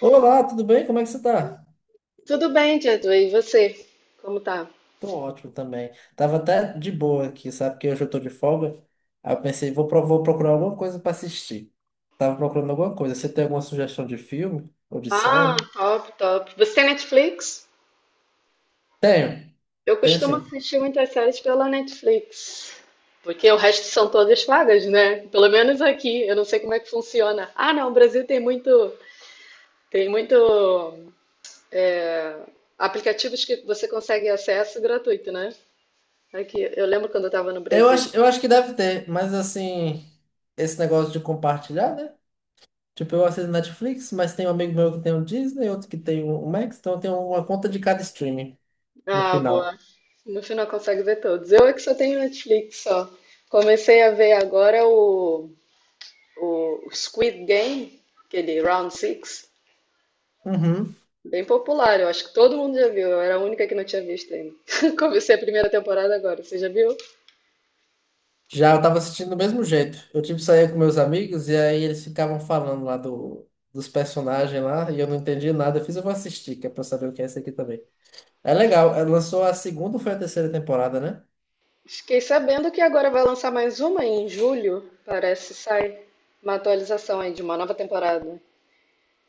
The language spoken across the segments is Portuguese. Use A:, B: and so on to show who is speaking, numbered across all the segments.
A: Olá, tudo bem? Como é que você tá?
B: Tudo bem, Jadu? E você? Como tá?
A: Tô ótimo também. Tava até de boa aqui, sabe? Porque hoje eu tô de folga. Aí eu pensei, vou procurar alguma coisa pra assistir. Tava procurando alguma coisa. Você tem alguma sugestão de filme ou de
B: Ah,
A: série?
B: top, top. Você tem Netflix?
A: Tenho,
B: Eu
A: tenho
B: costumo
A: sim.
B: assistir muitas séries pela Netflix, porque o resto são todas pagas, né? Pelo menos aqui. Eu não sei como é que funciona. Ah, não, o Brasil tem muito, tem muito é, aplicativos que você consegue acesso gratuito, né? Aqui, eu lembro quando eu estava no
A: Eu
B: Brasil.
A: acho, eu acho que deve ter, mas assim, esse negócio de compartilhar, né? Tipo, eu assisto Netflix, mas tem um amigo meu que tem o Disney, outro que tem o Max, então eu tenho uma conta de cada streaming no
B: Ah,
A: final.
B: boa. No final consegue ver todos. Eu é que só tenho Netflix só. Comecei a ver agora o Squid Game, aquele Round Six,
A: Uhum.
B: bem popular, eu acho que todo mundo já viu, eu era a única que não tinha visto ainda. Comecei a primeira temporada agora, você já viu?
A: Já eu tava assistindo do mesmo jeito. Eu, tipo, saía com meus amigos e aí eles ficavam falando lá dos personagens lá e eu não entendi nada. Eu fiz, eu vou assistir, que é pra eu saber o que é esse aqui também. É legal, é, lançou a segunda ou foi a terceira temporada, né?
B: Fiquei sabendo que agora vai lançar mais uma em julho, parece, sai uma atualização aí de uma nova temporada.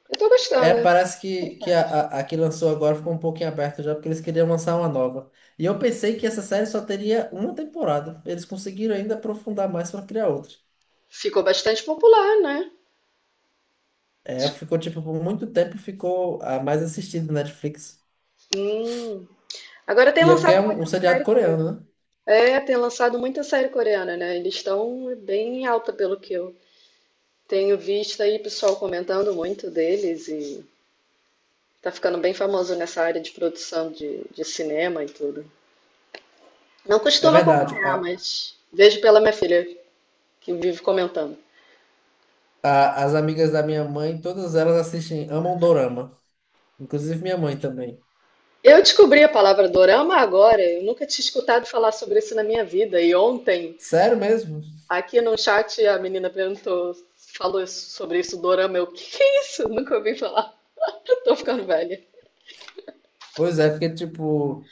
B: Eu tô
A: É,
B: gostando.
A: parece que, que a,
B: Interessante.
A: a, a que lançou agora ficou um pouquinho aberto já, porque eles queriam lançar uma nova. E eu pensei que essa série só teria uma temporada. Eles conseguiram ainda aprofundar mais pra criar outra.
B: Ficou bastante popular, né?
A: É, ficou, tipo, por muito tempo ficou a mais assistida do Netflix.
B: Hum. Agora tem
A: E é porque é
B: lançado
A: um
B: muita
A: seriado
B: série
A: coreano,
B: coreana.
A: né?
B: É, tem lançado muita série coreana, né? Eles estão bem em alta pelo que eu tenho visto aí pessoal comentando muito deles e tá ficando bem famoso nessa área de produção de cinema e tudo. Não
A: É
B: costumo
A: verdade.
B: acompanhar, mas vejo pela minha filha que vive comentando.
A: As amigas da minha mãe, todas elas assistem, amam Dorama. Inclusive minha mãe também.
B: Eu descobri a palavra dorama agora, eu nunca tinha escutado falar sobre isso na minha vida. E ontem,
A: Sério mesmo?
B: aqui no chat, a menina perguntou, sobre isso, dorama. Eu, o que que é isso? Nunca ouvi falar. Tô ficando velha.
A: Pois é, porque, tipo,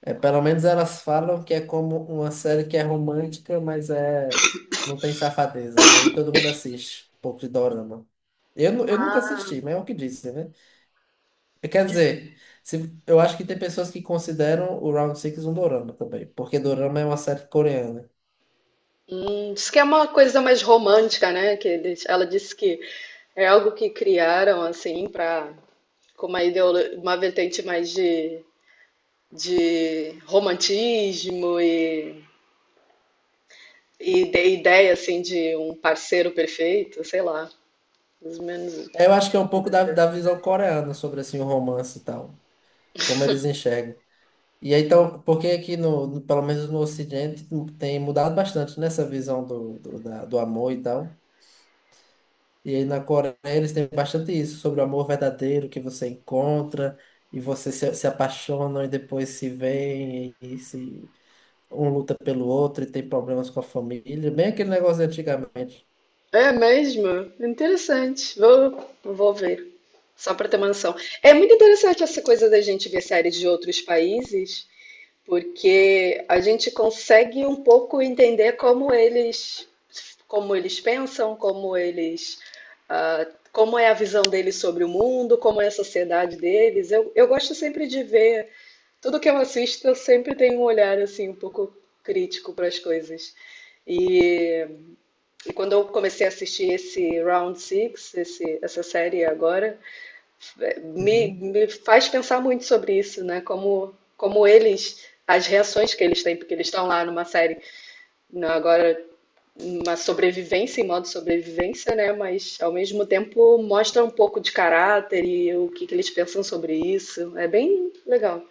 A: pelo menos elas falam que é como uma série que é romântica, mas é, não tem safadeza. E aí todo mundo assiste um pouco de Dorama. Eu nunca assisti, mas é o que disse, né? Quer
B: Diz,
A: dizer, se, eu acho que tem pessoas que consideram o Round Six um Dorama também, porque Dorama é uma série coreana.
B: diz que é uma coisa mais romântica, né? Que eles, ela disse que é algo que criaram assim para com uma uma vertente mais de romantismo e de ideia assim de um parceiro perfeito, sei lá, mais ou menos.
A: Eu acho que é um pouco da visão coreana sobre assim, o romance e tal, como eles enxergam. E aí, então, porque aqui, pelo menos no Ocidente, tem mudado bastante nessa visão do amor e tal. E aí na Coreia eles têm bastante isso, sobre o amor verdadeiro que você encontra, e você se apaixonam e depois se veem, e, se um luta pelo outro e tem problemas com a família, bem aquele negócio de antigamente.
B: É mesmo? Interessante. Vou ver. Só para ter uma noção. É muito interessante essa coisa da gente ver séries de outros países, porque a gente consegue um pouco entender como eles pensam, como é a visão deles sobre o mundo, como é a sociedade deles. Eu gosto sempre de ver, tudo que eu assisto, eu sempre tenho um olhar assim um pouco crítico para as coisas. E, e quando eu comecei a assistir esse Round Six, essa série agora, me,
A: Uhum.
B: me faz pensar muito sobre isso, né? Como eles, as reações que eles têm, porque eles estão lá numa série, agora uma sobrevivência em modo sobrevivência, né? Mas ao mesmo tempo mostra um pouco de caráter e o que eles pensam sobre isso. É bem legal.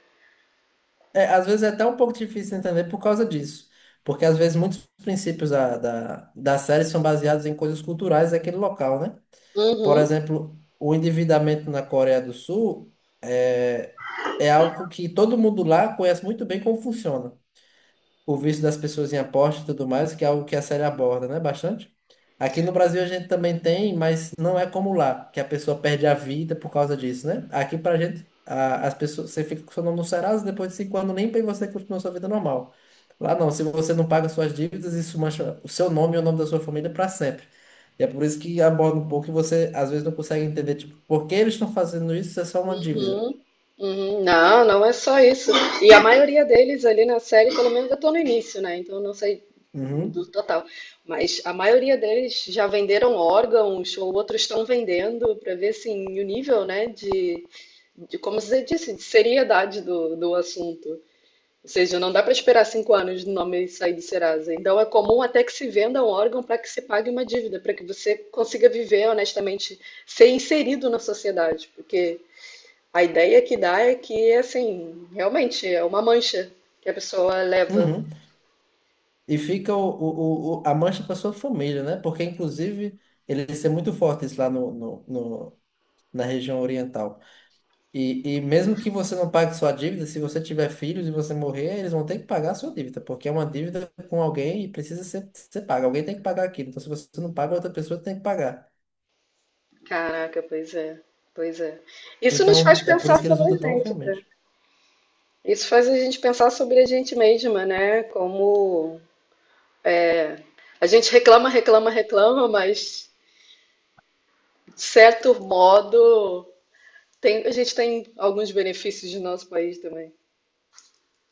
A: É, às vezes é até um pouco difícil entender por causa disso, porque às vezes muitos princípios da série são baseados em coisas culturais daquele local, né? Por
B: Uhum,
A: exemplo, o endividamento na Coreia do Sul é, é algo que todo mundo lá conhece muito bem como funciona o vício das pessoas em aposta e tudo mais, que é algo que a série aborda, né? Bastante. Aqui no Brasil a gente também tem, mas não é como lá, que a pessoa perde a vida por causa disso, né? Aqui pra gente, as pessoas, você fica com seu nome no Serasa, depois de 5 anos limpa e você continua sua vida normal. Lá não, se você não paga suas dívidas, isso mancha o seu nome e o nome da sua família pra sempre. E é por isso que aborda um pouco e você às vezes não consegue entender, tipo, por que eles estão fazendo isso? Isso é só uma dívida.
B: uhum, uhum. Não, não é só isso. E a maioria deles ali na série, pelo menos eu tô no início, né? Então eu não sei do
A: Uhum,
B: total. Mas a maioria deles já venderam órgãos ou outros estão vendendo para ver assim, o nível, né, de como você disse, de seriedade do assunto. Ou seja, não dá para esperar 5 anos do nome sair do Serasa. Então é comum até que se venda um órgão para que se pague uma dívida, para que você consiga viver honestamente, ser inserido na sociedade. Porque a ideia que dá é que, assim, realmente é uma mancha que a pessoa leva.
A: uhum. E fica a mancha para sua família, né? Porque, inclusive, eles é muito fortes lá na região oriental. E mesmo que você não pague sua dívida, se você tiver filhos e você morrer, eles vão ter que pagar a sua dívida, porque é uma dívida com alguém e precisa ser paga. Alguém tem que pagar aquilo. Então, se você não paga, outra pessoa tem que pagar.
B: Caraca, pois é. Pois é. Isso nos faz
A: Então, é por
B: pensar
A: isso que eles
B: sobre a
A: lutam tão
B: gente, tá?
A: fielmente.
B: Isso faz a gente pensar sobre a gente mesma, né? Como a gente reclama, reclama, reclama, mas de certo modo a gente tem alguns benefícios do nosso país também.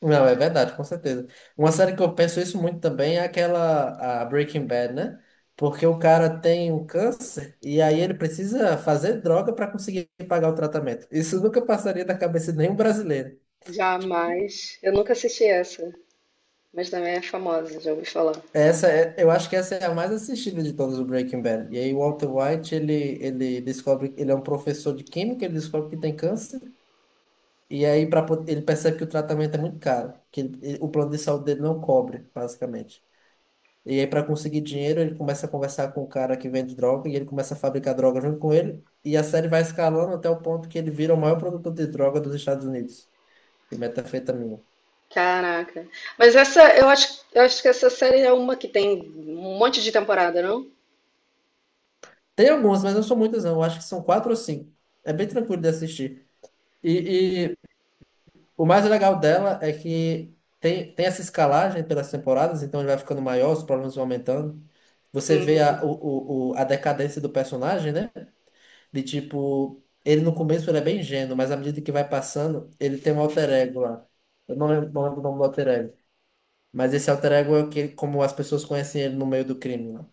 A: Não, é verdade, com certeza. Uma série que eu penso isso muito também é aquela a Breaking Bad, né? Porque o cara tem um câncer e aí ele precisa fazer droga para conseguir pagar o tratamento. Isso nunca passaria da cabeça de nenhum brasileiro. Tipo,
B: Jamais. Eu nunca assisti essa, mas também é famosa, já ouvi falar.
A: Essa é, eu acho que essa é a mais assistida de todas o Breaking Bad. E aí o Walter White, ele descobre, ele é um professor de química, ele descobre que tem câncer, e aí ele percebe que o tratamento é muito caro, que o plano de saúde dele não cobre, basicamente. E aí, para conseguir dinheiro, ele começa a conversar com o cara que vende droga e ele começa a fabricar droga junto com ele. E a série vai escalando até o ponto que ele vira o maior produtor de droga dos Estados Unidos, de metanfetamina.
B: Caraca. Mas essa, eu acho que essa série é uma que tem um monte de temporada, não?
A: Tem algumas, mas não são muitas, não. Eu acho que são quatro ou cinco. É bem tranquilo de assistir. E o mais legal dela é que tem essa escalagem pelas temporadas, então ele vai ficando maior, os problemas vão aumentando. Você vê a,
B: Uhum.
A: o- a decadência do personagem, né? De tipo, ele no começo ele é bem ingênuo, mas à medida que vai passando, ele tem um alter ego lá. Eu não lembro, não lembro o nome do alter ego. Mas esse alter ego é o que, como as pessoas conhecem ele no meio do crime lá.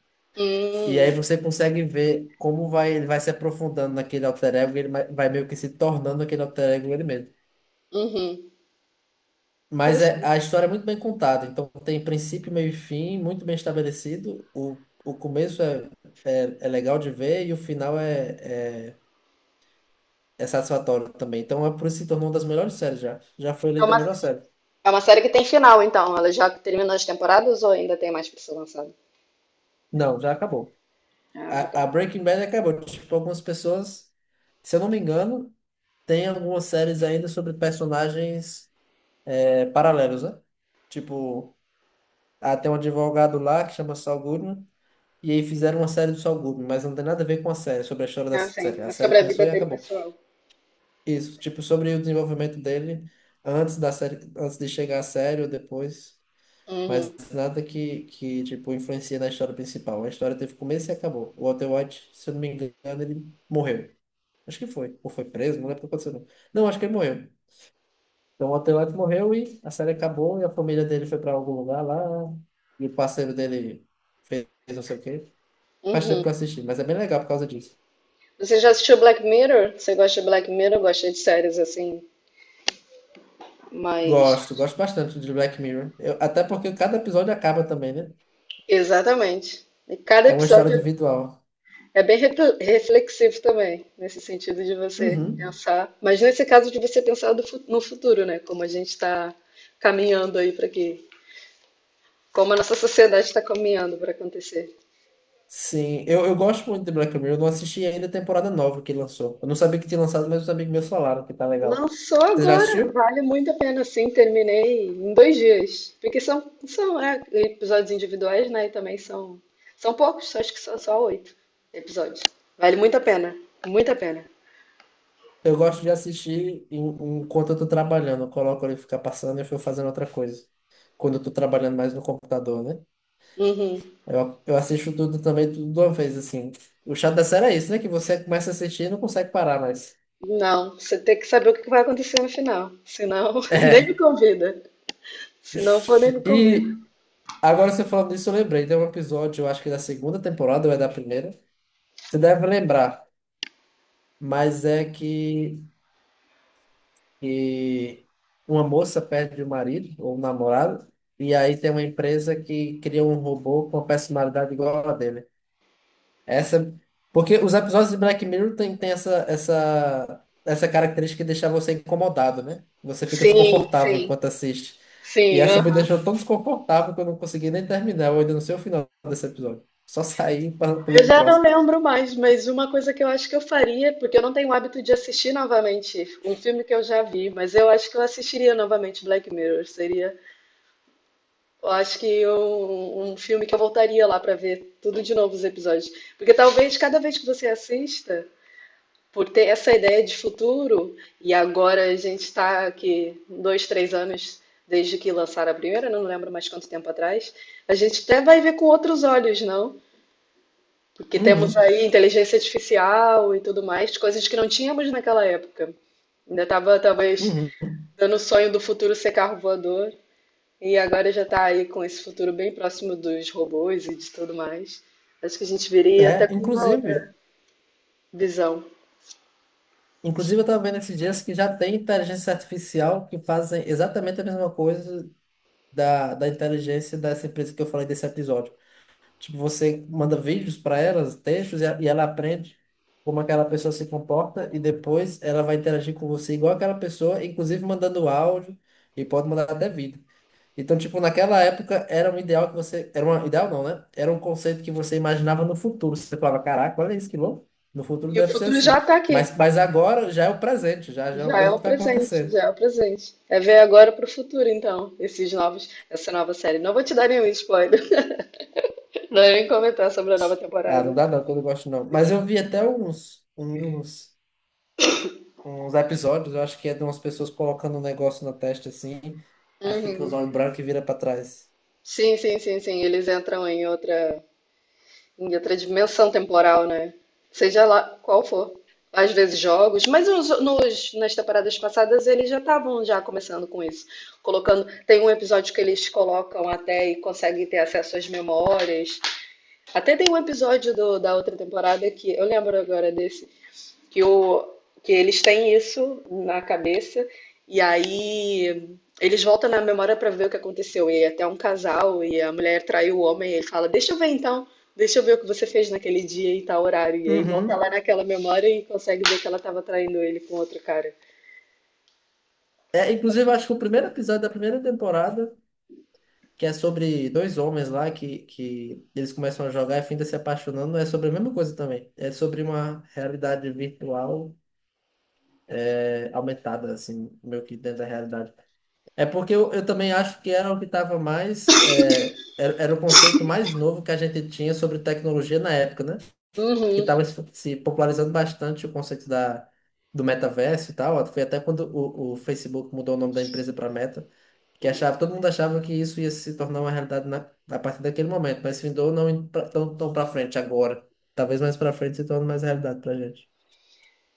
A: E aí
B: Hum,
A: você consegue ver como vai, ele vai se aprofundando naquele alter ego, e ele vai meio que se tornando aquele alter ego ele mesmo.
B: uhum.
A: Mas é,
B: Interessante.
A: a história é muito bem contada, então tem princípio, meio e fim, muito bem estabelecido. O começo é legal de ver e o final é satisfatório também. Então, é por isso que se tornou uma das melhores séries já. Já foi
B: É
A: eleita a
B: uma,
A: melhor série.
B: é uma série que tem final, então. Ela já terminou as temporadas ou ainda tem mais pra ser lançada?
A: Não, já acabou.
B: Ah, já
A: A
B: acabou.
A: Breaking Bad acabou. Tipo, algumas pessoas, se eu não me engano, tem algumas séries ainda sobre personagens paralelos, né? Tipo, ah, tem um advogado lá que chama Saul Goodman. E aí fizeram uma série do Saul Goodman, mas não tem nada a ver com a série, sobre a história da
B: Ah, sim.
A: série. A
B: É
A: série
B: sobre a
A: começou
B: vida
A: e
B: dele,
A: acabou.
B: pessoal.
A: Isso, tipo, sobre o desenvolvimento dele antes da série, antes de chegar à série ou depois. Mas
B: Uhum.
A: nada que, que tipo, influencia na história principal. A história teve começo e acabou. O Walter White, se eu não me engano, ele morreu. Acho que foi. Ou foi preso, não lembro o que aconteceu. Não, Não, acho que ele morreu. Então o Walter White morreu e a série acabou e a família dele foi pra algum lugar lá. E o parceiro dele fez não sei o quê. Faz tempo que eu
B: Uhum.
A: assisti, mas é bem legal por causa disso.
B: Você já assistiu Black Mirror? Você gosta de Black Mirror? Eu gosto de séries assim, Mas,
A: Gosto, gosto bastante de Black Mirror. Até porque cada episódio acaba também, né?
B: exatamente. E cada
A: É uma história
B: episódio
A: individual.
B: é bem reflexivo também, nesse sentido de você
A: Uhum.
B: pensar. Mas nesse caso de você pensar no futuro, né? Como a gente está caminhando aí para que. Como a nossa sociedade está caminhando para acontecer.
A: Sim, eu gosto muito de Black Mirror. Eu não assisti ainda a temporada nova que lançou. Eu não sabia que tinha lançado, mas os amigos meus falaram que tá legal.
B: Lançou
A: Você já
B: agora,
A: assistiu?
B: vale muito a pena, sim. Terminei em 2 dias. Porque são episódios individuais, né? E também são poucos, acho que são só 8 episódios. Vale muito a pena, muito a pena.
A: Eu gosto de assistir enquanto eu tô trabalhando. Eu coloco ele ficar passando e eu fico fazendo outra coisa. Quando eu tô trabalhando mais no computador, né?
B: Uhum.
A: Eu assisto tudo também, tudo de uma vez, assim. O chato da série é isso, né? Que você começa a assistir e não consegue parar mais.
B: Não, você tem que saber o que vai acontecer no final. Senão, nem me
A: É.
B: convida. Se não for, nem me convida.
A: E agora você falando disso, eu lembrei. Tem um episódio, eu acho que da segunda temporada ou é da primeira. Você deve lembrar. Mas é que uma moça perde o marido ou o namorado, e aí tem uma empresa que cria um robô com uma personalidade igual a dele. Essa, porque os episódios de Black Mirror tem essa característica de deixar você incomodado, né? Você fica
B: Sim,
A: desconfortável
B: sim,
A: enquanto assiste. E
B: sim,
A: essa me
B: aham.
A: deixou tão desconfortável que eu não consegui nem terminar. Eu ainda não sei o final desse episódio. Só saí para pular
B: Eu
A: pro
B: já não
A: próximo.
B: lembro mais, mas uma coisa que eu acho que eu faria, porque eu não tenho o hábito de assistir novamente um filme que eu já vi, mas eu acho que eu assistiria novamente Black Mirror. Seria, eu acho que um filme que eu voltaria lá pra ver tudo de novo os episódios. Porque talvez cada vez que você assista, por ter essa ideia de futuro, e agora a gente está aqui dois, três anos desde que lançaram a primeira, não lembro mais quanto tempo atrás, a gente até vai ver com outros olhos, não? Porque temos
A: Uhum,
B: aí inteligência artificial e tudo mais, coisas que não tínhamos naquela época. Ainda estava talvez
A: uhum.
B: dando o sonho do futuro ser carro voador, e agora já está aí com esse futuro bem próximo dos robôs e de tudo mais. Acho que a gente viria até
A: É,
B: com uma
A: inclusive.
B: outra visão.
A: Inclusive, eu estava vendo esses dias que já tem inteligência artificial que fazem exatamente a mesma coisa da inteligência dessa empresa que eu falei desse episódio. Tipo, você manda vídeos para elas, textos, e ela aprende como aquela pessoa se comporta e depois ela vai interagir com você igual aquela pessoa, inclusive mandando áudio e pode mandar até vídeo. Então, tipo, naquela época era um ideal que você. Era um ideal não, né? Era um conceito que você imaginava no futuro. Você falava, caraca, olha isso que louco. No futuro
B: E o
A: deve ser
B: futuro já
A: assim.
B: está aqui.
A: Mas agora já é o presente, já é uma
B: Já é
A: coisa
B: o
A: que está
B: presente,
A: acontecendo.
B: já é o presente. É ver agora pro futuro, então, esses novos, essa nova série. Não vou te dar nenhum spoiler, não vou nem comentar sobre a nova
A: Ah, não
B: temporada.
A: dá não, que eu não gosto não. Mas eu vi até uns episódios, eu acho que é de umas pessoas colocando um negócio na testa assim, aí fica os
B: Uhum.
A: olhos brancos e vira pra trás.
B: Sim, sim, sim, sim. Eles entram em outra dimensão temporal, né? Seja lá qual for. Às vezes jogos, mas nas temporadas passadas eles já estavam já começando com isso. Colocando, tem um episódio que eles colocam até e conseguem ter acesso às memórias. Até tem um episódio da outra temporada que eu lembro agora desse, que, o, que eles têm isso na cabeça e aí eles voltam na memória pra ver o que aconteceu. E até um casal e a mulher traiu o homem e ele fala: Deixa eu ver então, deixa eu ver o que você fez naquele dia e tal horário. E aí volta
A: Uhum.
B: lá naquela memória e consegue ver que ela tava traindo ele com outro cara.
A: É, inclusive, eu acho que o primeiro episódio da primeira temporada. Que é sobre dois homens lá que eles começam a jogar e fim se apaixonando. É sobre a mesma coisa também. É sobre uma realidade virtual aumentada, assim, meio que dentro da realidade. É porque eu também acho que era o que estava mais. Era o conceito mais novo que a gente tinha sobre tecnologia na época, né? Que
B: Uhum.
A: estava se popularizando bastante o conceito da. Do metaverso e tal, foi até quando o Facebook mudou o nome da empresa para Meta. Que achava, todo mundo achava que isso ia se tornar uma realidade na, a partir daquele momento, mas findou não indo pra- tão pra frente agora. Talvez mais pra frente se torne mais realidade pra gente.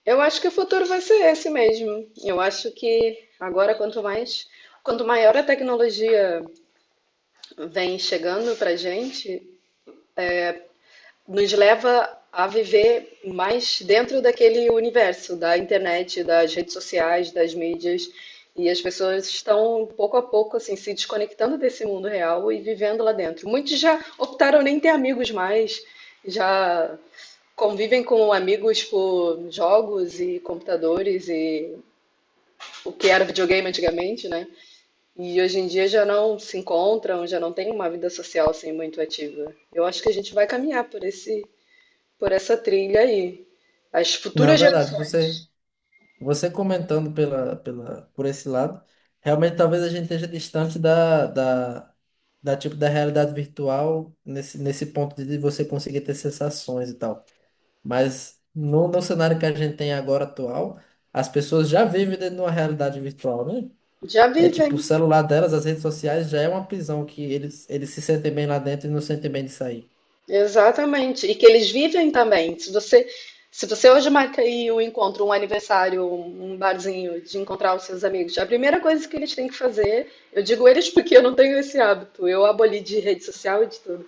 B: Eu acho que o futuro vai ser esse mesmo. Eu acho que agora, quanto mais, quanto maior a tecnologia vem chegando para gente nos leva a viver mais dentro daquele universo da internet, das redes sociais, das mídias. E as pessoas estão pouco a pouco assim se desconectando desse mundo real e vivendo lá dentro. Muitos já optaram nem ter amigos mais, já convivem com amigos por jogos e computadores e o que era videogame antigamente, né? E hoje em dia já não se encontram, já não tem uma vida social assim muito ativa. Eu acho que a gente vai caminhar por essa trilha aí. As
A: Não,
B: futuras
A: verdade,
B: gerações
A: você comentando por esse lado, realmente talvez a gente esteja distante tipo, da realidade virtual nesse ponto de você conseguir ter sensações e tal. Mas no cenário que a gente tem agora atual, as pessoas já vivem dentro de uma realidade virtual, né?
B: já
A: É tipo, o
B: vivem,
A: celular delas, as redes sociais, já é uma prisão que eles se sentem bem lá dentro e não sentem bem de sair.
B: exatamente. E que eles vivem também. Se você hoje marca aí um encontro, um aniversário, um barzinho de encontrar os seus amigos, a primeira coisa que eles têm que fazer, eu digo eles porque eu não tenho esse hábito, eu aboli de rede social e de tudo.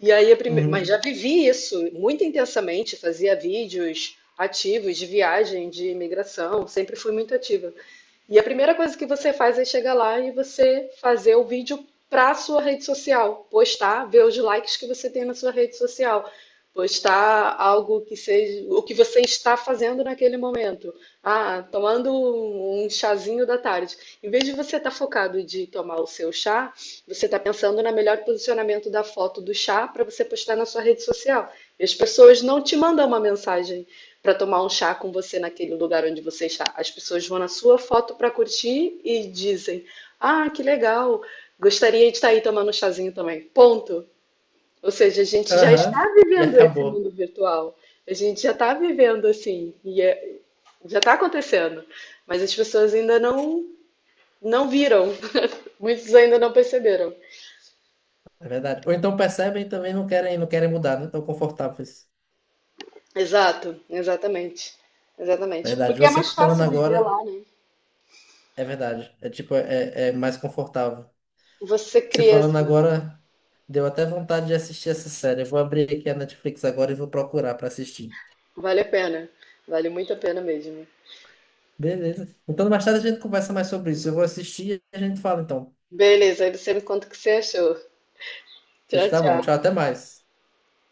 B: E aí, mas já
A: Uhum.
B: vivi isso muito intensamente, fazia vídeos ativos de viagem, de imigração, sempre fui muito ativa. E a primeira coisa que você faz é chegar lá e você fazer o vídeo para a sua rede social, postar, ver os likes que você tem na sua rede social, postar algo que seja o que você está fazendo naquele momento. Ah, tomando um chazinho da tarde. Em vez de você estar focado de tomar o seu chá, você está pensando no melhor posicionamento da foto do chá para você postar na sua rede social. E as pessoas não te mandam uma mensagem para tomar um chá com você naquele lugar onde você está. As pessoas vão na sua foto para curtir e dizem: Ah, que legal, gostaria de estar aí tomando um chazinho também. Ponto. Ou seja, a gente já
A: Aham.
B: está
A: E
B: vivendo esse
A: acabou.
B: mundo virtual. A gente já está vivendo assim, e já está acontecendo, mas as pessoas ainda não viram, muitos ainda não perceberam.
A: É verdade. Ou então percebem e também não querem, não querem mudar, não estão confortáveis.
B: Exato, exatamente, exatamente.
A: Verdade.
B: Porque é
A: Você
B: mais
A: falando
B: fácil viver
A: agora,
B: lá, né?
A: é verdade. É tipo, é mais confortável.
B: Você
A: Você
B: cria,
A: falando
B: assim,
A: agora, deu até vontade de assistir essa série. Eu vou abrir aqui a Netflix agora e vou procurar pra assistir.
B: vale a pena, vale muito a pena mesmo.
A: Beleza. Então, mais tarde a gente conversa mais sobre isso. Eu vou assistir e a gente fala então.
B: Beleza, aí você me conta o que você achou.
A: Pois
B: Tchau,
A: tá bom. Tchau,
B: tchau.
A: até mais.